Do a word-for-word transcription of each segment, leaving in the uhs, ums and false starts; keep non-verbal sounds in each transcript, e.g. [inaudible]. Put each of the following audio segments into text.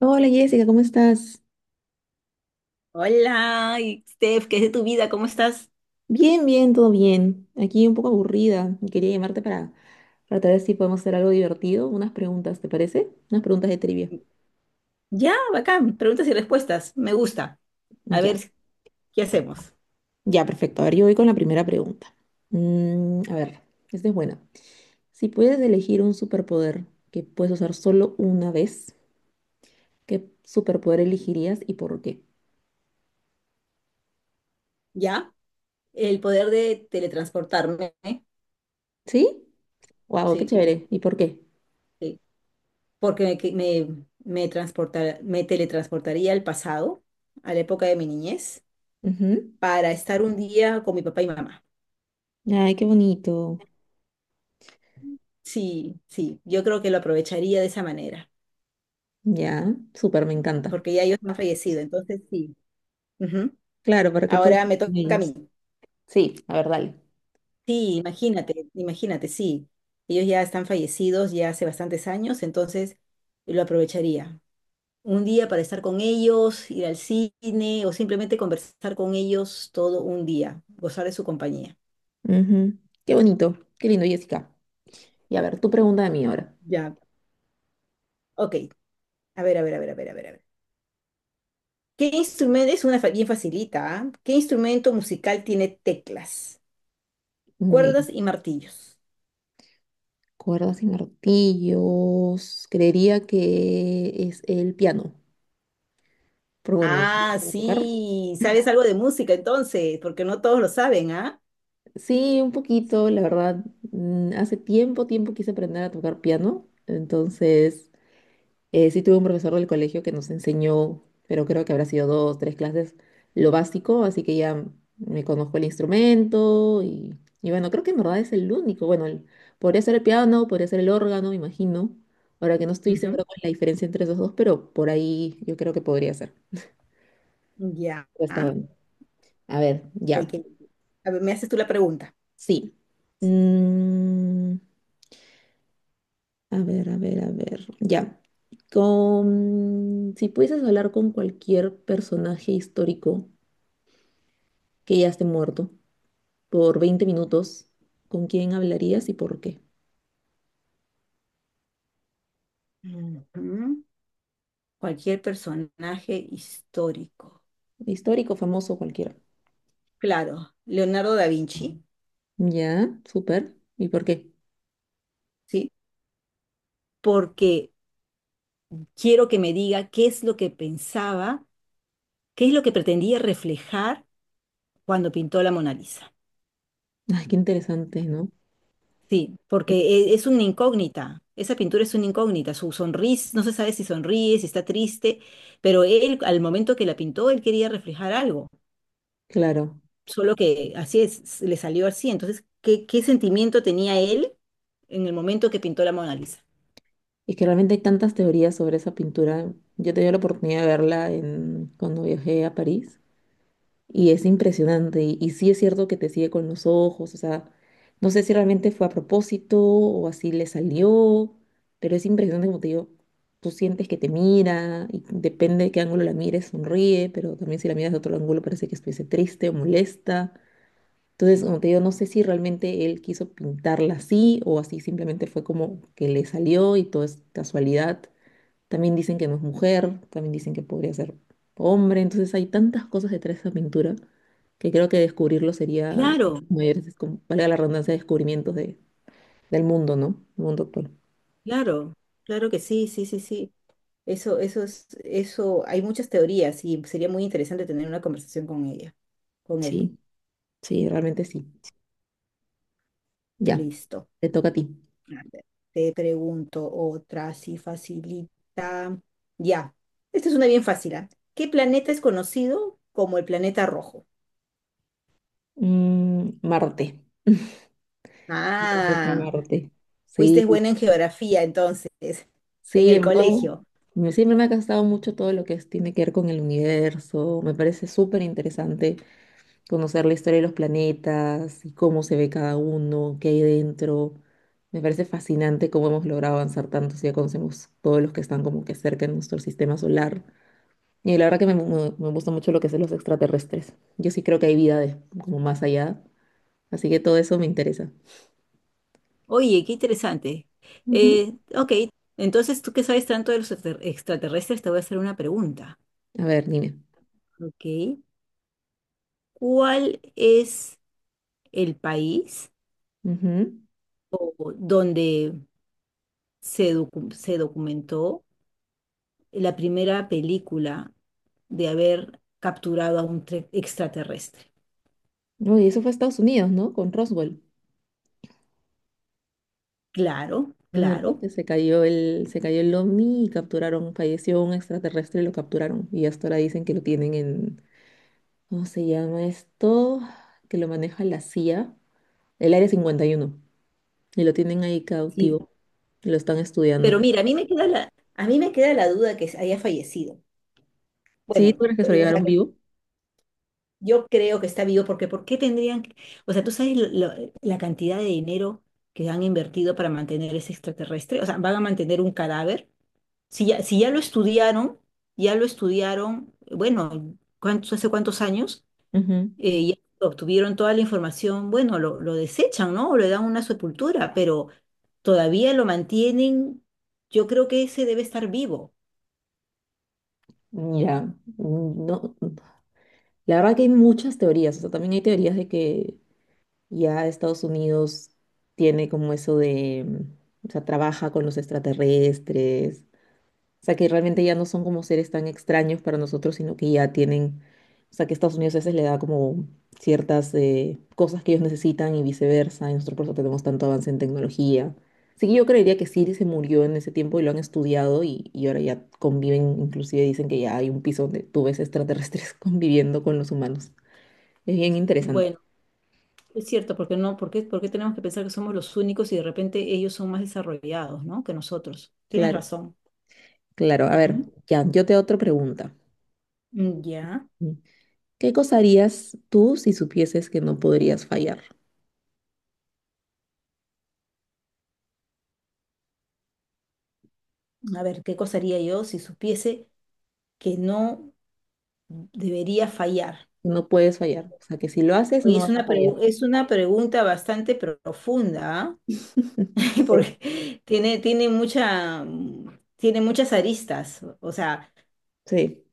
Hola, Jessica, ¿cómo estás? Hola, y Steph, ¿qué es de tu vida? ¿Cómo estás? Bien, bien, todo bien. Aquí un poco aburrida. y Quería llamarte para, para ver si podemos hacer algo divertido. Unas preguntas, ¿te parece? Unas preguntas de trivia. Ya, bacán. Preguntas y respuestas. Me gusta. A Ya, ver, ¿qué hacemos? ya, perfecto. A ver, yo voy con la primera pregunta. Mm, a ver, esta es buena. Si puedes elegir un superpoder que puedes usar solo una vez, ¿qué superpoder elegirías y por qué? ¿Ya? El poder de teletransportarme. ¿eh? ¿Sí? ¡Wow! ¡Qué Sí, chévere! ¿Y por qué? sí. Porque me, que- me, me transportar- me teletransportaría al pasado, a la época de mi niñez, Ujú. para estar un día con mi papá y mamá. Ay, qué bonito. Sí, sí. Yo creo que lo aprovecharía de esa manera, Ya, súper, me encanta. porque ya ellos han fallecido. Entonces, sí. Ujú. Claro, para que puedas Ahora me estar con toca a ellos. mí. Sí, a ver, dale. Sí, imagínate, imagínate, sí. Ellos ya están fallecidos ya hace bastantes años, entonces lo aprovecharía. Un día para estar con ellos, ir al cine o simplemente conversar con ellos todo un día, gozar de su compañía. Ujú. Qué bonito, qué lindo, Jessica. Y a ver, tu pregunta de mí ahora. Ya. Ok, a ver, a ver, a ver, a ver, a ver, a ver. ¿Qué instrumento es una fa- bien facilita? ¿Ah? ¿Qué instrumento musical tiene teclas, Uy, cuerdas y martillos? cuerdas y martillos. Creería que es el piano. Pero bueno, ¿lo Ah, puedo tocar? sí, sabes algo de música entonces, porque no todos lo saben, ¿ah? Sí, un poquito, la verdad. mm, Hace tiempo, tiempo quise aprender a tocar piano. Entonces, Eh, sí tuve un profesor del colegio que nos enseñó, pero creo que habrá sido dos, tres clases, lo básico, así que ya me conozco el instrumento y, y bueno, creo que en verdad es el único. Bueno, el- podría ser el piano, podría ser el órgano, me imagino. Ahora que no estoy Ujú. segura con la diferencia entre esos dos, pero por ahí yo creo que podría ser. Ya. Ya, está bueno. A ver, Ay, ya. qué- A ver, me haces tú la pregunta. Sí. Mm, a ver, a ver, a ver. Ya. Con, si pudieses hablar con cualquier personaje histórico que ya esté muerto por veinte minutos, ¿con quién hablarías y por qué? Ujú. Cualquier personaje histórico. Histórico, famoso, cualquiera. Claro, Leonardo da Vinci, Ya, súper. ¿Y por qué? ¿sí? Porque quiero que me diga qué es lo que pensaba, qué es lo que pretendía reflejar cuando pintó la Mona Lisa. Ay, qué interesante, ¿no? Sí, Eh, porque e- es una incógnita, esa pintura es una incógnita, su sonrisa, no se sabe si sonríe, si está triste, pero él al momento que la pintó, él quería reflejar algo. claro. Solo que así es, le salió así. Entonces, ¿qué, ¿qué sentimiento tenía él en el momento que pintó la Mona Lisa? Es que realmente hay tantas teorías sobre esa pintura. Yo tenía la oportunidad de verla en, cuando viajé a París. Y es impresionante. Y, y sí es cierto que te sigue con los ojos. O sea, no sé si realmente fue a propósito o así le salió. Pero es impresionante, como te digo. Tú sientes que te mira y depende de qué ángulo la mires, sonríe, pero también si la miras de otro ángulo parece que estuviese triste o molesta. Entonces, como te digo, no sé si realmente él quiso pintarla así o así simplemente fue como que le salió y todo es casualidad. También dicen que no es mujer, también dicen que podría ser hombre. Entonces hay tantas cosas detrás de esa pintura que creo que descubrirlo sería Claro, mayores, descom- valga la redundancia, descubrimientos de, del mundo, ¿no? El mundo actual. claro, claro que sí, sí, sí, sí. Eso, eso es, eso, hay muchas teorías y sería muy interesante tener una conversación con ella, con él. Sí, sí, realmente sí. Ya, Listo. te toca a ti. A ver, te pregunto otra, así facilita. Ya, esta es una bien fácil, ¿ah? ¿Qué planeta es conocido como el planeta rojo? Mm, Marte. El planeta Ah. Marte. Sí, Fuiste buena en geografía entonces, en sí, el en verdad, colegio. me- siempre me ha gustado mucho todo lo que es- tiene que ver con el universo. Me parece súper interesante. Conocer la historia de los planetas y cómo se ve cada uno, qué hay dentro. Me parece fascinante cómo hemos logrado avanzar tanto si ya conocemos todos los que están como que cerca de nuestro sistema solar. Y la verdad que me, me- me gusta mucho lo que son los extraterrestres. Yo sí creo que hay vida de- como más allá, así que todo eso me interesa. Oye, qué interesante. Ujú. Eh, ok, entonces tú que sabes tanto de los extra- extraterrestres, te voy a hacer una pregunta. A ver, dime. Ok, ¿cuál es el país Ujú. o- donde se, docu- se documentó la primera película de haber capturado a un tre- extraterrestre? No, y eso fue Estados Unidos, ¿no? Con Roswell. Claro, ¿No? De claro, repente se cayó el, se cayó el O V N I y capturaron, falleció un extraterrestre y lo capturaron. Y hasta ahora dicen que lo tienen en, ¿cómo se llama esto? Que lo maneja la C I A, el Área cincuenta y uno, y uno, y lo tienen ahí sí. cautivo, y lo están estudiando. Pero mira, a mí me queda la, a mí me queda la duda que haya fallecido. ¿Sí? Bueno, ¿Tú crees que se lo o sea, llevaron vivo? yo creo que está vivo porque ¿por qué tendrían, que- o sea, tú sabes lo- la cantidad de dinero que han invertido para mantener ese extraterrestre. O sea, van a mantener un cadáver. Si ya, si ya lo estudiaron, ya lo estudiaron, bueno, ¿cuántos, hace cuántos años? Ujú. Eh, ya obtuvieron toda la información, bueno, lo, lo desechan, ¿no? O le dan una sepultura, pero todavía lo mantienen. Yo creo que ese debe estar vivo. Mira, mm, no, la verdad que hay muchas teorías, o sea, también hay teorías de que ya Estados Unidos tiene como eso de, mm, o sea, trabaja con los extraterrestres. O sea, que realmente ya no son como seres tan extraños para nosotros, sino que ya tienen, o sea, que Estados Unidos a veces le da como ciertas eh, cosas que ellos necesitan y viceversa, y nosotros por eso tenemos tanto avance en tecnología. Así que yo creería que Siri se murió en ese tiempo y lo han estudiado y, y ahora ya conviven, inclusive dicen que ya hay un piso donde tú ves extraterrestres [laughs] conviviendo con los humanos. Es bien interesante. Bueno. Es cierto, porque no, porque porque tenemos que pensar que somos los únicos y de repente ellos son más desarrollados, ¿no? ¿Que nosotros? Tienes Claro, razón. claro. A ver, Ujú. ya, yo te hago otra pregunta. Mm, Ya. ¿Qué cosa harías tú si supieses que no podrías fallar? A ver, ¿qué cosa haría yo si supiese que no debería fallar? No puedes fallar. O sea, que si lo haces, Oye, no es vas a una, fallar. pregu- es una pregunta bastante profunda, ¿ah? [laughs] [laughs] Sí. Porque tiene, tiene mucha, mm, tiene muchas aristas. O sea, Sí.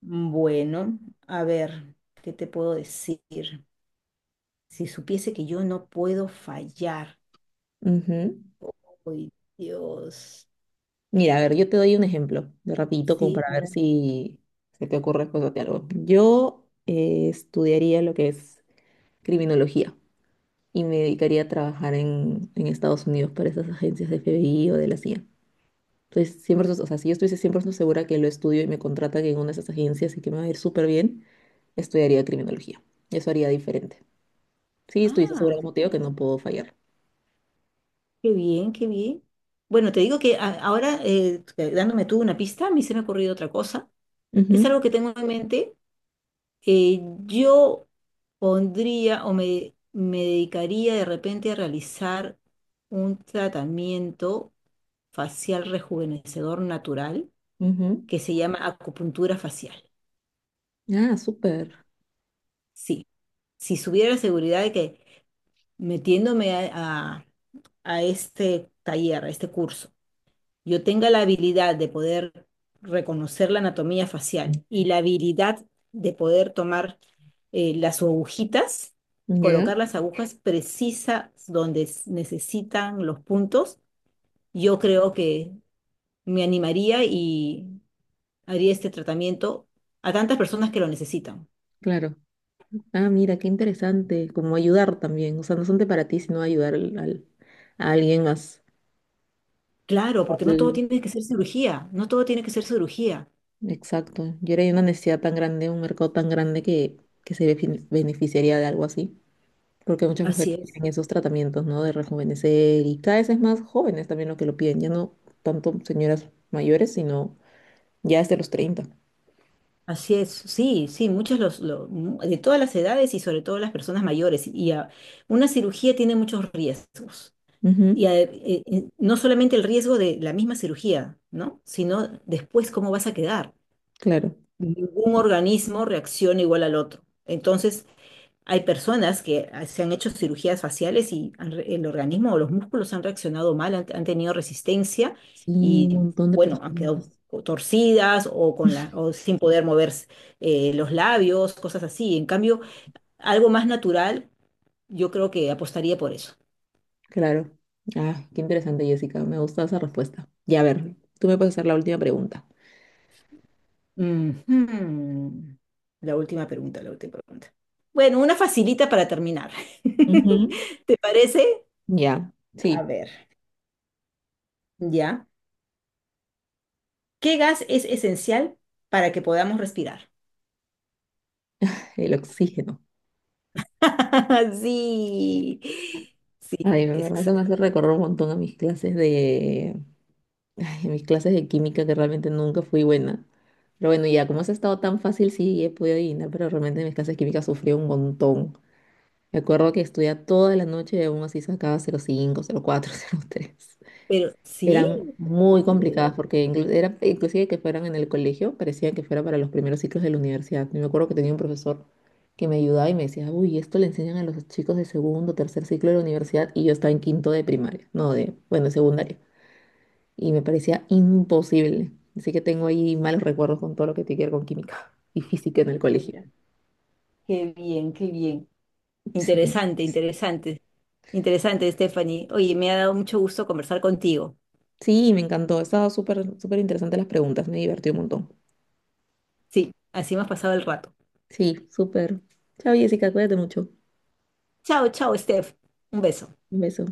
bueno, a ver, ¿qué te puedo decir? Si supiese que yo no puedo fallar. Ujú. Uy, Dios. Mira, a ver, yo te doy un ejemplo de rapidito como Sí, para a ver ver. si se te ocurre después de algo. Yo eh, estudiaría lo que es criminología y me dedicaría a trabajar en, en Estados Unidos para esas agencias de F B I o de la C I A. Entonces, siempre, o sea, si yo estuviese cien por ciento segura que lo estudio y me contratan en una de esas agencias y que me va a ir súper bien, estudiaría criminología. Eso haría diferente. Sí, estuviese segura, Ah, como te digo, que Nola. no puedo fallar. Qué bien, qué bien. Bueno, te digo que a- ahora, eh, dándome tú una pista, a mí se me ha ocurrido otra cosa. Es Ujú, algo que tengo en mente. Eh, yo pondría o me, me dedicaría de repente a realizar un tratamiento facial rejuvenecedor natural ujú. que se llama acupuntura facial. Ah, súper. Sí, si supiera la seguridad de que metiéndome a, a este taller, a este curso, yo tenga la habilidad de poder reconocer la anatomía facial y la habilidad de poder tomar eh, las agujitas, Ya, colocar las agujas precisas donde s- necesitan los puntos, yo creo que me animaría y haría este tratamiento a tantas personas que lo necesitan. claro. Ah, mira, qué interesante. Como ayudar también. O sea, no solamente para ti, sino ayudar al, al- a alguien más. Claro, porque no todo Mm, tiene que ser cirugía, no todo tiene que ser cirugía. exacto. Yo era de una necesidad tan grande, un mercado tan grande que, que se benefi- beneficiaría de algo así. Porque muchas Así mujeres es. tienen esos tratamientos, ¿no? De rejuvenecer y cada vez es más jóvenes también lo que lo piden. Ya no tanto señoras mayores, sino ya desde los treinta. Así es, sí, sí, muchos los, lo- mu- de todas las edades y sobre todo las personas mayores. Y a- una cirugía tiene muchos riesgos. Y Ujú. a- eh, eh, no solamente el riesgo de la misma cirugía, ¿no? Sino después cómo vas a quedar. Claro. Ningún organismo reacciona igual al otro. Entonces, hay personas que ah, se han hecho cirugías faciales y han re- el organismo o los músculos han reaccionado mal, han, han tenido resistencia Sí, un y, montón de bueno, han quedado personas. co- torcidas o, con la, o sin poder mover eh, los labios, cosas así. En cambio, algo más natural, yo creo que apostaría por eso. Claro. Ah, qué interesante, Jessica. Me gusta esa respuesta. Ya, a ver, tú me puedes hacer la última pregunta. Ujú. La última pregunta, la última pregunta. Bueno, una facilita para terminar. Ujú. [laughs] ¿Te parece? Ya, A sí, ver, ya. ¿Qué gas es esencial para que podamos respirar? el oxígeno. [laughs] Sí, sí, Ay, de verdad, eso me hace exacto. recorrer un montón a mis clases de... ay, a mis clases de química que realmente nunca fui buena. Pero bueno, ya, como has estado tan fácil, sí, he podido adivinar, pero realmente en mis clases de química sufrí un montón. Me acuerdo que estudiaba toda la noche y aún así sacaba cero coma cinco, cero coma cuatro, [laughs] tres. Pero sí, Eran no te muy complicadas creo. porque inclu- era, inclusive que fueran en el colegio, parecía que fuera para los primeros ciclos de la universidad. Yo me acuerdo que tenía un profesor que me ayudaba y me decía, uy, esto le enseñan a los chicos de segundo, tercer ciclo de la universidad y yo estaba en quinto de primaria, no de, bueno, de secundaria. Y me parecía imposible. Así que tengo ahí malos recuerdos con todo lo que tiene que ver con química [laughs] y física en el colegio. Mira, qué bien, qué bien. Sí, Interesante, interesante, interesante, Stephanie. Oye, me ha dado mucho gusto conversar contigo. sí, me encantó. Estaba súper, súper interesante las preguntas, me divertí un montón. Sí, así hemos pasado el rato. Sí, súper. Chao, Jessica, cuídate mucho. Chao, chao, Steph. Un beso. Un beso.